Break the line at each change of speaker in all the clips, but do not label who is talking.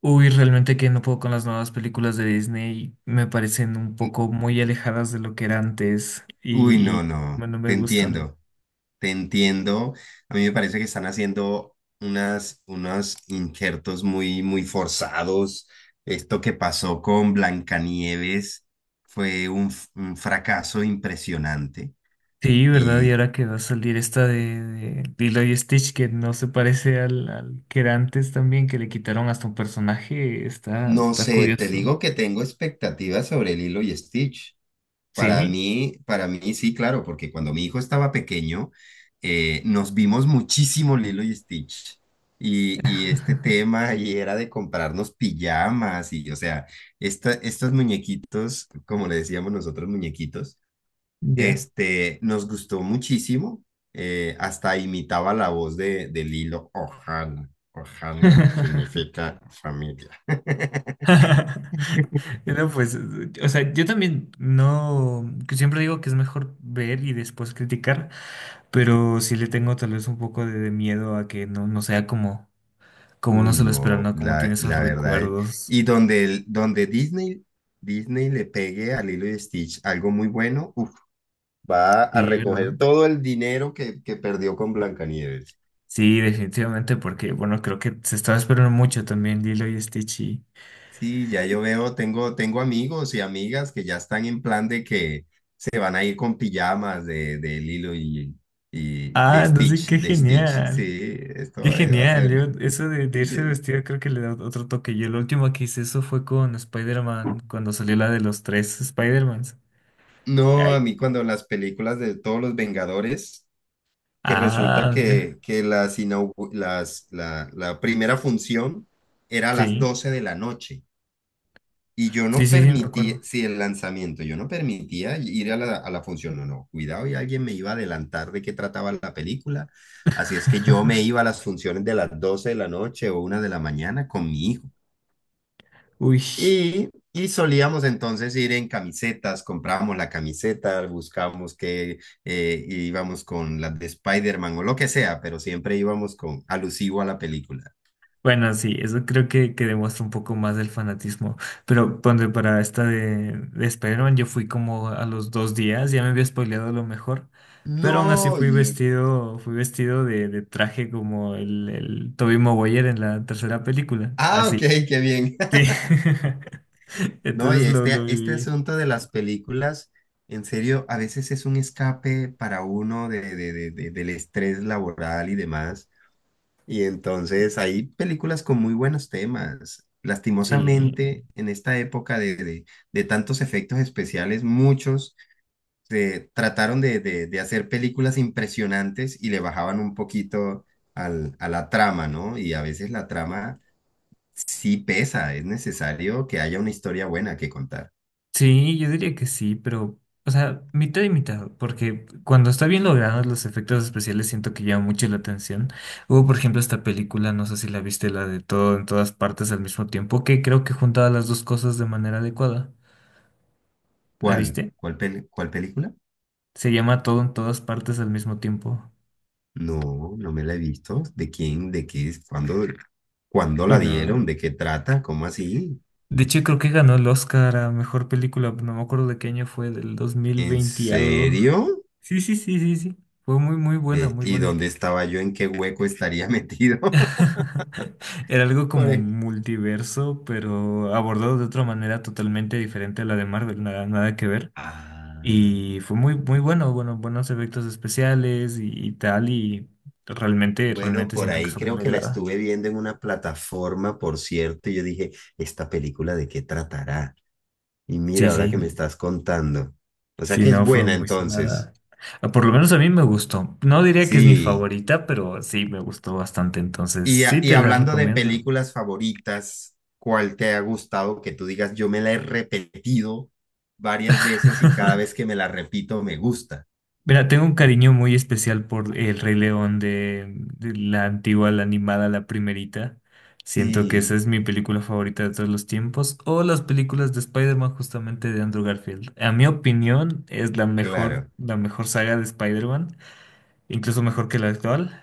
Uy, realmente que no puedo con las nuevas películas de Disney, me parecen un poco muy alejadas de lo que era antes
Uy,
y
no, no,
bueno, me
te
gustan.
entiendo, te entiendo. A mí me parece que están haciendo unos injertos muy forzados. Esto que pasó con Blancanieves fue un fracaso impresionante.
Sí, ¿verdad? Y
Y
ahora que va a salir esta de Lilo y Stitch que no se parece al que era antes también, que le quitaron hasta un personaje, está,
no
está
sé, te
curioso.
digo que tengo expectativas sobre Lilo y Stitch.
Sí,
Para mí sí, claro, porque cuando mi hijo estaba pequeño, nos vimos muchísimo Lilo y Stitch. Y este tema y era de comprarnos pijamas y, o sea, estos muñequitos, como le decíamos nosotros, muñequitos,
ya.
nos gustó muchísimo. Hasta imitaba la voz de Lilo. Ohana. Ohana significa familia.
No, pues, o sea, yo también no, que siempre digo que es mejor ver y después criticar. Pero sí le tengo tal vez un poco de miedo a que no, no sea como, como uno
Uy,
se lo espera,
no,
¿no? Como tiene esos
la verdad.
recuerdos.
Y donde, donde Disney le pegue a Lilo y Stitch algo muy bueno, uf, va a
Sí, ¿verdad?
recoger todo el dinero que perdió con Blancanieves.
Sí, definitivamente, porque bueno, creo que se estaba esperando mucho también Lilo y Stitch. Y-
Sí, ya yo veo, tengo amigos y amigas que ya están en plan de que se van a ir con pijamas de Lilo y de
ah, no sé, qué
De Stitch.
genial.
Sí, esto
Qué
va a
genial.
ser.
Yo, eso de irse
Dice,
vestido creo que le da otro toque. Yo lo último que hice eso fue con Spider-Man, cuando salió la de los tres Spider-Mans.
no,
Ay.
a mí cuando las películas de todos los Vengadores. Que resulta
Ah, mira.
que las inaugu- las, la primera función era a las
Sí.
12 de la noche y yo
Sí,
no
sí, sí, me
permitía,
acuerdo.
si el lanzamiento, yo no permitía ir a a la función, no, no, cuidado y alguien me iba a adelantar de qué trataba la película, así es que yo me iba a las funciones de las 12 de la noche o 1 de la mañana con mi hijo.
Uy.
Y solíamos entonces ir en camisetas, comprábamos la camiseta, buscábamos que íbamos con las de Spider-Man o lo que sea, pero siempre íbamos con alusivo a la película.
Bueno, sí, eso creo que demuestra un poco más del fanatismo. Pero ponte para esta de Spider-Man, yo fui como a los dos días, ya me había spoileado lo mejor. Pero aún así
No, y-
fui vestido de traje como el Tobey Maguire en la tercera película.
ah, ok,
Así.
qué bien.
Sí.
No, y
Entonces lo
este
viví.
asunto de las películas, en serio, a veces es un escape para uno del estrés laboral y demás. Y entonces hay películas con muy buenos temas.
Sí.
Lastimosamente, en esta época de tantos efectos especiales, muchos se trataron de hacer películas impresionantes y le bajaban un poquito a la trama, ¿no? Y a veces la trama sí pesa, es necesario que haya una historia buena que contar.
Sí, yo diría que sí, pero, o sea, mitad y mitad, porque cuando está bien logrado los efectos especiales siento que llaman mucho la atención. Hubo, por ejemplo, esta película, no sé si la viste, la de todo en todas partes al mismo tiempo, que creo que juntaba las dos cosas de manera adecuada. ¿La
¿Cuál?
viste?
Cuál película?
Se llama Todo en todas partes al mismo tiempo.
No, no me la he visto. ¿De quién? ¿De qué es? ¿Cuándo, cuándo
Uy,
la dieron?
no.
¿De qué trata? ¿Cómo así?
De hecho, creo que ganó el Oscar a mejor película, no me acuerdo de qué año fue, del
¿En
2020 y algo.
serio?
Sí, sí, sí, sí, sí. Fue muy, muy buena, muy
¿Y
buena.
dónde estaba yo? ¿En qué hueco estaría metido?
Era algo
Por
como
ahí.
un multiverso, pero abordado de otra manera totalmente diferente a la de Marvel, nada, nada que ver.
Ah,
Y fue muy, muy bueno, bueno, buenos efectos especiales y tal, y realmente,
bueno,
realmente
por
siento que
ahí
eso
creo
me
que la
agrada.
estuve viendo en una plataforma, por cierto, y yo dije, ¿esta película de qué tratará? Y
Sí,
mira, ahora
sí,
que me estás contando. O sea
sí,
que es
no fue
buena
muy
entonces.
sonada. Ah, por lo menos a mí me gustó. No diría que es mi
Sí.
favorita, pero sí me gustó bastante, entonces
Y, a-
sí
y
te la
hablando de
recomiendo.
películas favoritas, ¿cuál te ha gustado que tú digas, yo me la he repetido varias veces y cada vez que me la repito me gusta?
Mira, tengo un cariño muy especial por El Rey León de la antigua, la animada, la primerita. Siento que esa
Sí.
es mi película favorita de todos los tiempos. O las películas de Spider-Man justamente de Andrew Garfield. A mi opinión es
Claro.
la mejor saga de Spider-Man, incluso mejor que la actual.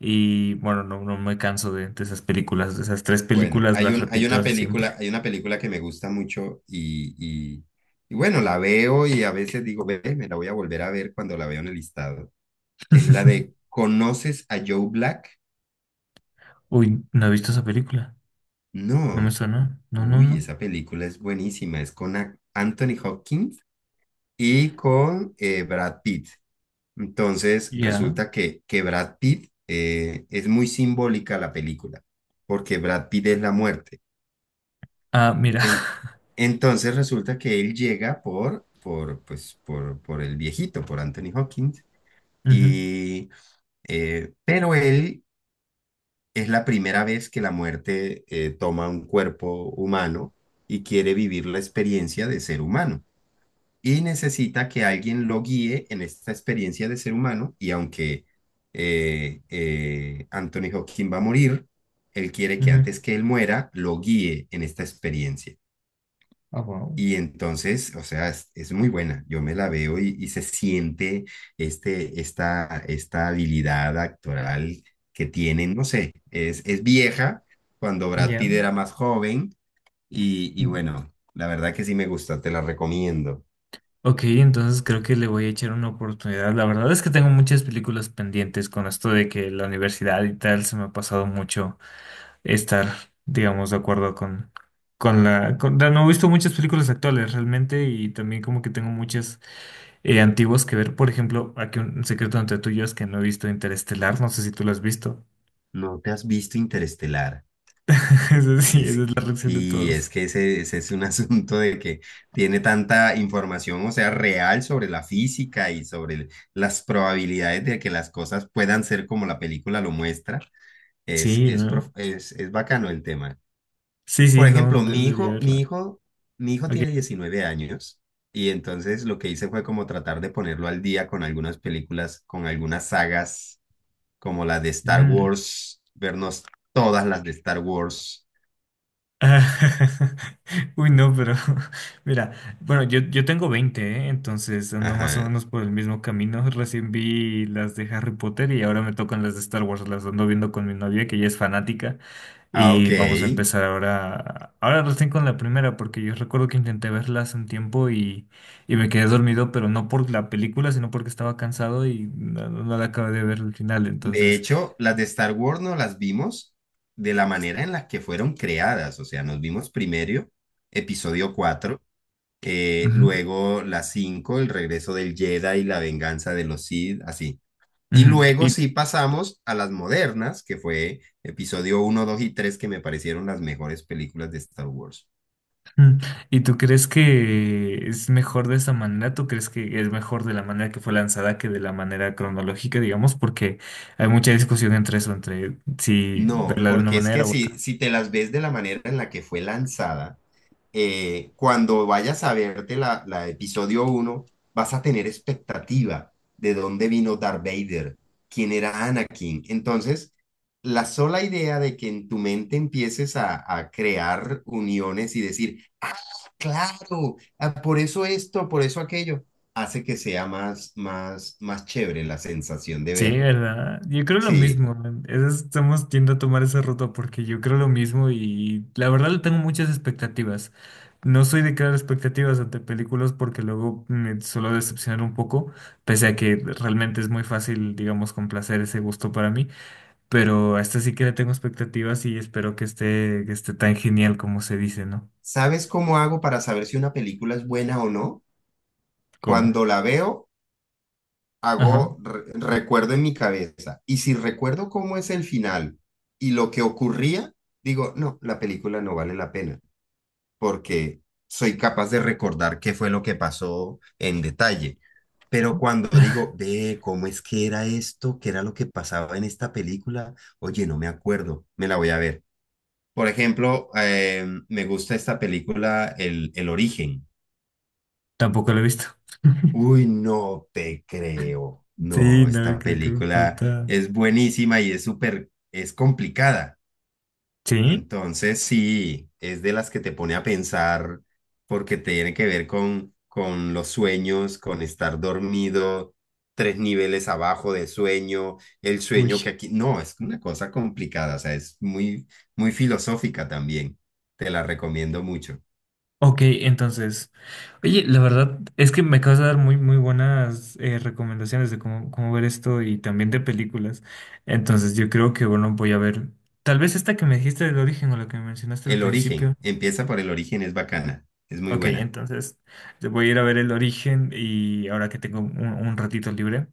Y bueno, no, no me canso de esas películas, de esas tres
Bueno,
películas las repito hasta siempre.
hay una película que me gusta mucho y, y bueno, la veo y a veces digo, ve, me la voy a volver a ver cuando la veo en el listado. Es la de ¿Conoces a Joe Black?
Uy, no he visto esa película. No me
No.
suena. No, no,
Uy,
no.
esa película es buenísima. Es con Anthony Hopkins y con Brad Pitt. Entonces,
Ya.
resulta que Brad Pitt es muy simbólica la película, porque Brad Pitt es la muerte.
Ah, mira.
En- entonces resulta que él llega por el viejito, por Anthony Hopkins,
Ujú,
y, pero él es la primera vez que la muerte toma un cuerpo humano y quiere vivir la experiencia de ser humano. Y necesita que alguien lo guíe en esta experiencia de ser humano, y aunque Anthony Hopkins va a morir, él quiere que
ujú.
antes que él muera, lo guíe en esta experiencia.
Ah, wow.
Y entonces, o sea, es muy buena. Yo me la veo y se siente esta habilidad actoral que tienen. No sé, es vieja cuando Brad Pitt
Ya.
era más joven. Y
Mm,
bueno, la verdad que sí me gusta, te la recomiendo.
ok, entonces creo que le voy a echar una oportunidad. La verdad es que tengo muchas películas pendientes con esto de que la universidad y tal se me ha pasado mucho estar, digamos, de acuerdo con la... con- no he visto muchas películas actuales realmente y también como que tengo muchas antiguas que ver. Por ejemplo, aquí un secreto entre tú y yo es que no he visto Interestelar, no sé si tú lo has visto.
¿No te has visto Interestelar?
Eso sí,
Es
esa es la
que,
reacción de
sí, es
todos.
que ese es un asunto de que tiene tanta información, o sea, real sobre la física y sobre las probabilidades de que las cosas puedan ser como la película lo muestra.
Sí, ¿no?
Es bacano el tema.
Sí,
Por
sí, no,
ejemplo,
de- debería verla.
mi hijo tiene
Ok.
19 años y entonces lo que hice fue como tratar de ponerlo al día con algunas películas, con algunas sagas, como la de Star
Mm.
Wars, vernos todas las de Star Wars.
Ah, uy, no, pero mira, bueno, yo tengo 20 ¿eh? Entonces ando más o
Ajá,
menos por el mismo camino. Recién vi las de Harry Potter y ahora me tocan las de Star Wars. Las ando viendo con mi novia, que ella es fanática.
ah,
Y
ok.
vamos a empezar ahora, ahora recién con la primera, porque yo recuerdo que intenté verlas un tiempo y me quedé dormido, pero no por la película, sino porque estaba cansado y no, no la acabé de ver al final.
De
Entonces,
hecho, las de Star Wars no las vimos de la manera en la que fueron creadas. O sea, nos vimos primero episodio 4,
ujú,
luego la 5, el regreso del Jedi y la venganza de los Sith, así. Y
ujú.
luego
¿Y
sí pasamos a las modernas, que fue episodio uno, 2 y 3 que me parecieron las mejores películas de Star Wars.
mm. ¿Y tú crees que es mejor de esa manera? ¿Tú crees que es mejor de la manera que fue lanzada que de la manera cronológica, digamos? Porque hay mucha discusión entre eso, entre si
No,
verla de una
porque es que
manera u otra.
si te las ves de la manera en la que fue lanzada, cuando vayas a verte la episodio uno vas a tener expectativa de dónde vino Darth Vader, quién era Anakin. Entonces, la sola idea de que en tu mente empieces a crear uniones y decir, ah, claro, ah, por eso esto, por eso aquello, hace que sea más chévere la sensación de
Sí,
verla.
¿verdad? Yo creo lo
Sí.
mismo. Eso es- estamos yendo a tomar esa ruta porque yo creo lo mismo y la verdad le tengo muchas expectativas. No soy de crear expectativas ante películas porque luego me suelo decepcionar un poco, pese a que realmente es muy fácil, digamos, complacer ese gusto para mí. Pero a esta sí que le tengo expectativas y espero que esté tan genial como se dice, ¿no?
¿Sabes cómo hago para saber si una película es buena o no?
¿Cómo?
Cuando la veo,
Ajá.
hago, recuerdo en mi cabeza. Y si recuerdo cómo es el final y lo que ocurría, digo, no, la película no vale la pena, porque soy capaz de recordar qué fue lo que pasó en detalle. Pero cuando digo, ve, ¿cómo es que era esto? ¿Qué era lo que pasaba en esta película? Oye, no me acuerdo, me la voy a ver. Por ejemplo, me gusta esta película, El Origen.
Tampoco lo he visto.
Uy, no te creo.
Sí,
No,
no,
esta
creo que me
película
falta.
es buenísima y es súper, es complicada.
¿Sí?
Entonces, sí, es de las que te pone a pensar porque tiene que ver con los sueños, con estar dormido, tres niveles abajo de sueño, el
Uy.
sueño que aquí... No, es una cosa complicada, o sea, es muy, muy filosófica también. Te la recomiendo mucho.
Ok, entonces. Oye, la verdad es que me acabas de dar muy, muy buenas recomendaciones de cómo, cómo ver esto y también de películas. Entonces, yo creo que, bueno, voy a ver. Tal vez esta que me dijiste del origen o la que me mencionaste al
El
principio.
origen, empieza por el origen, es bacana, es muy
Ok,
buena.
entonces te voy a ir a ver el origen y ahora que tengo un ratito libre.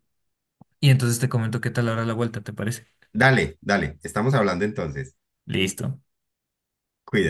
Y entonces te comento qué tal ahora la vuelta, ¿te parece?
Dale, dale, estamos hablando entonces.
Listo.
Cuídate.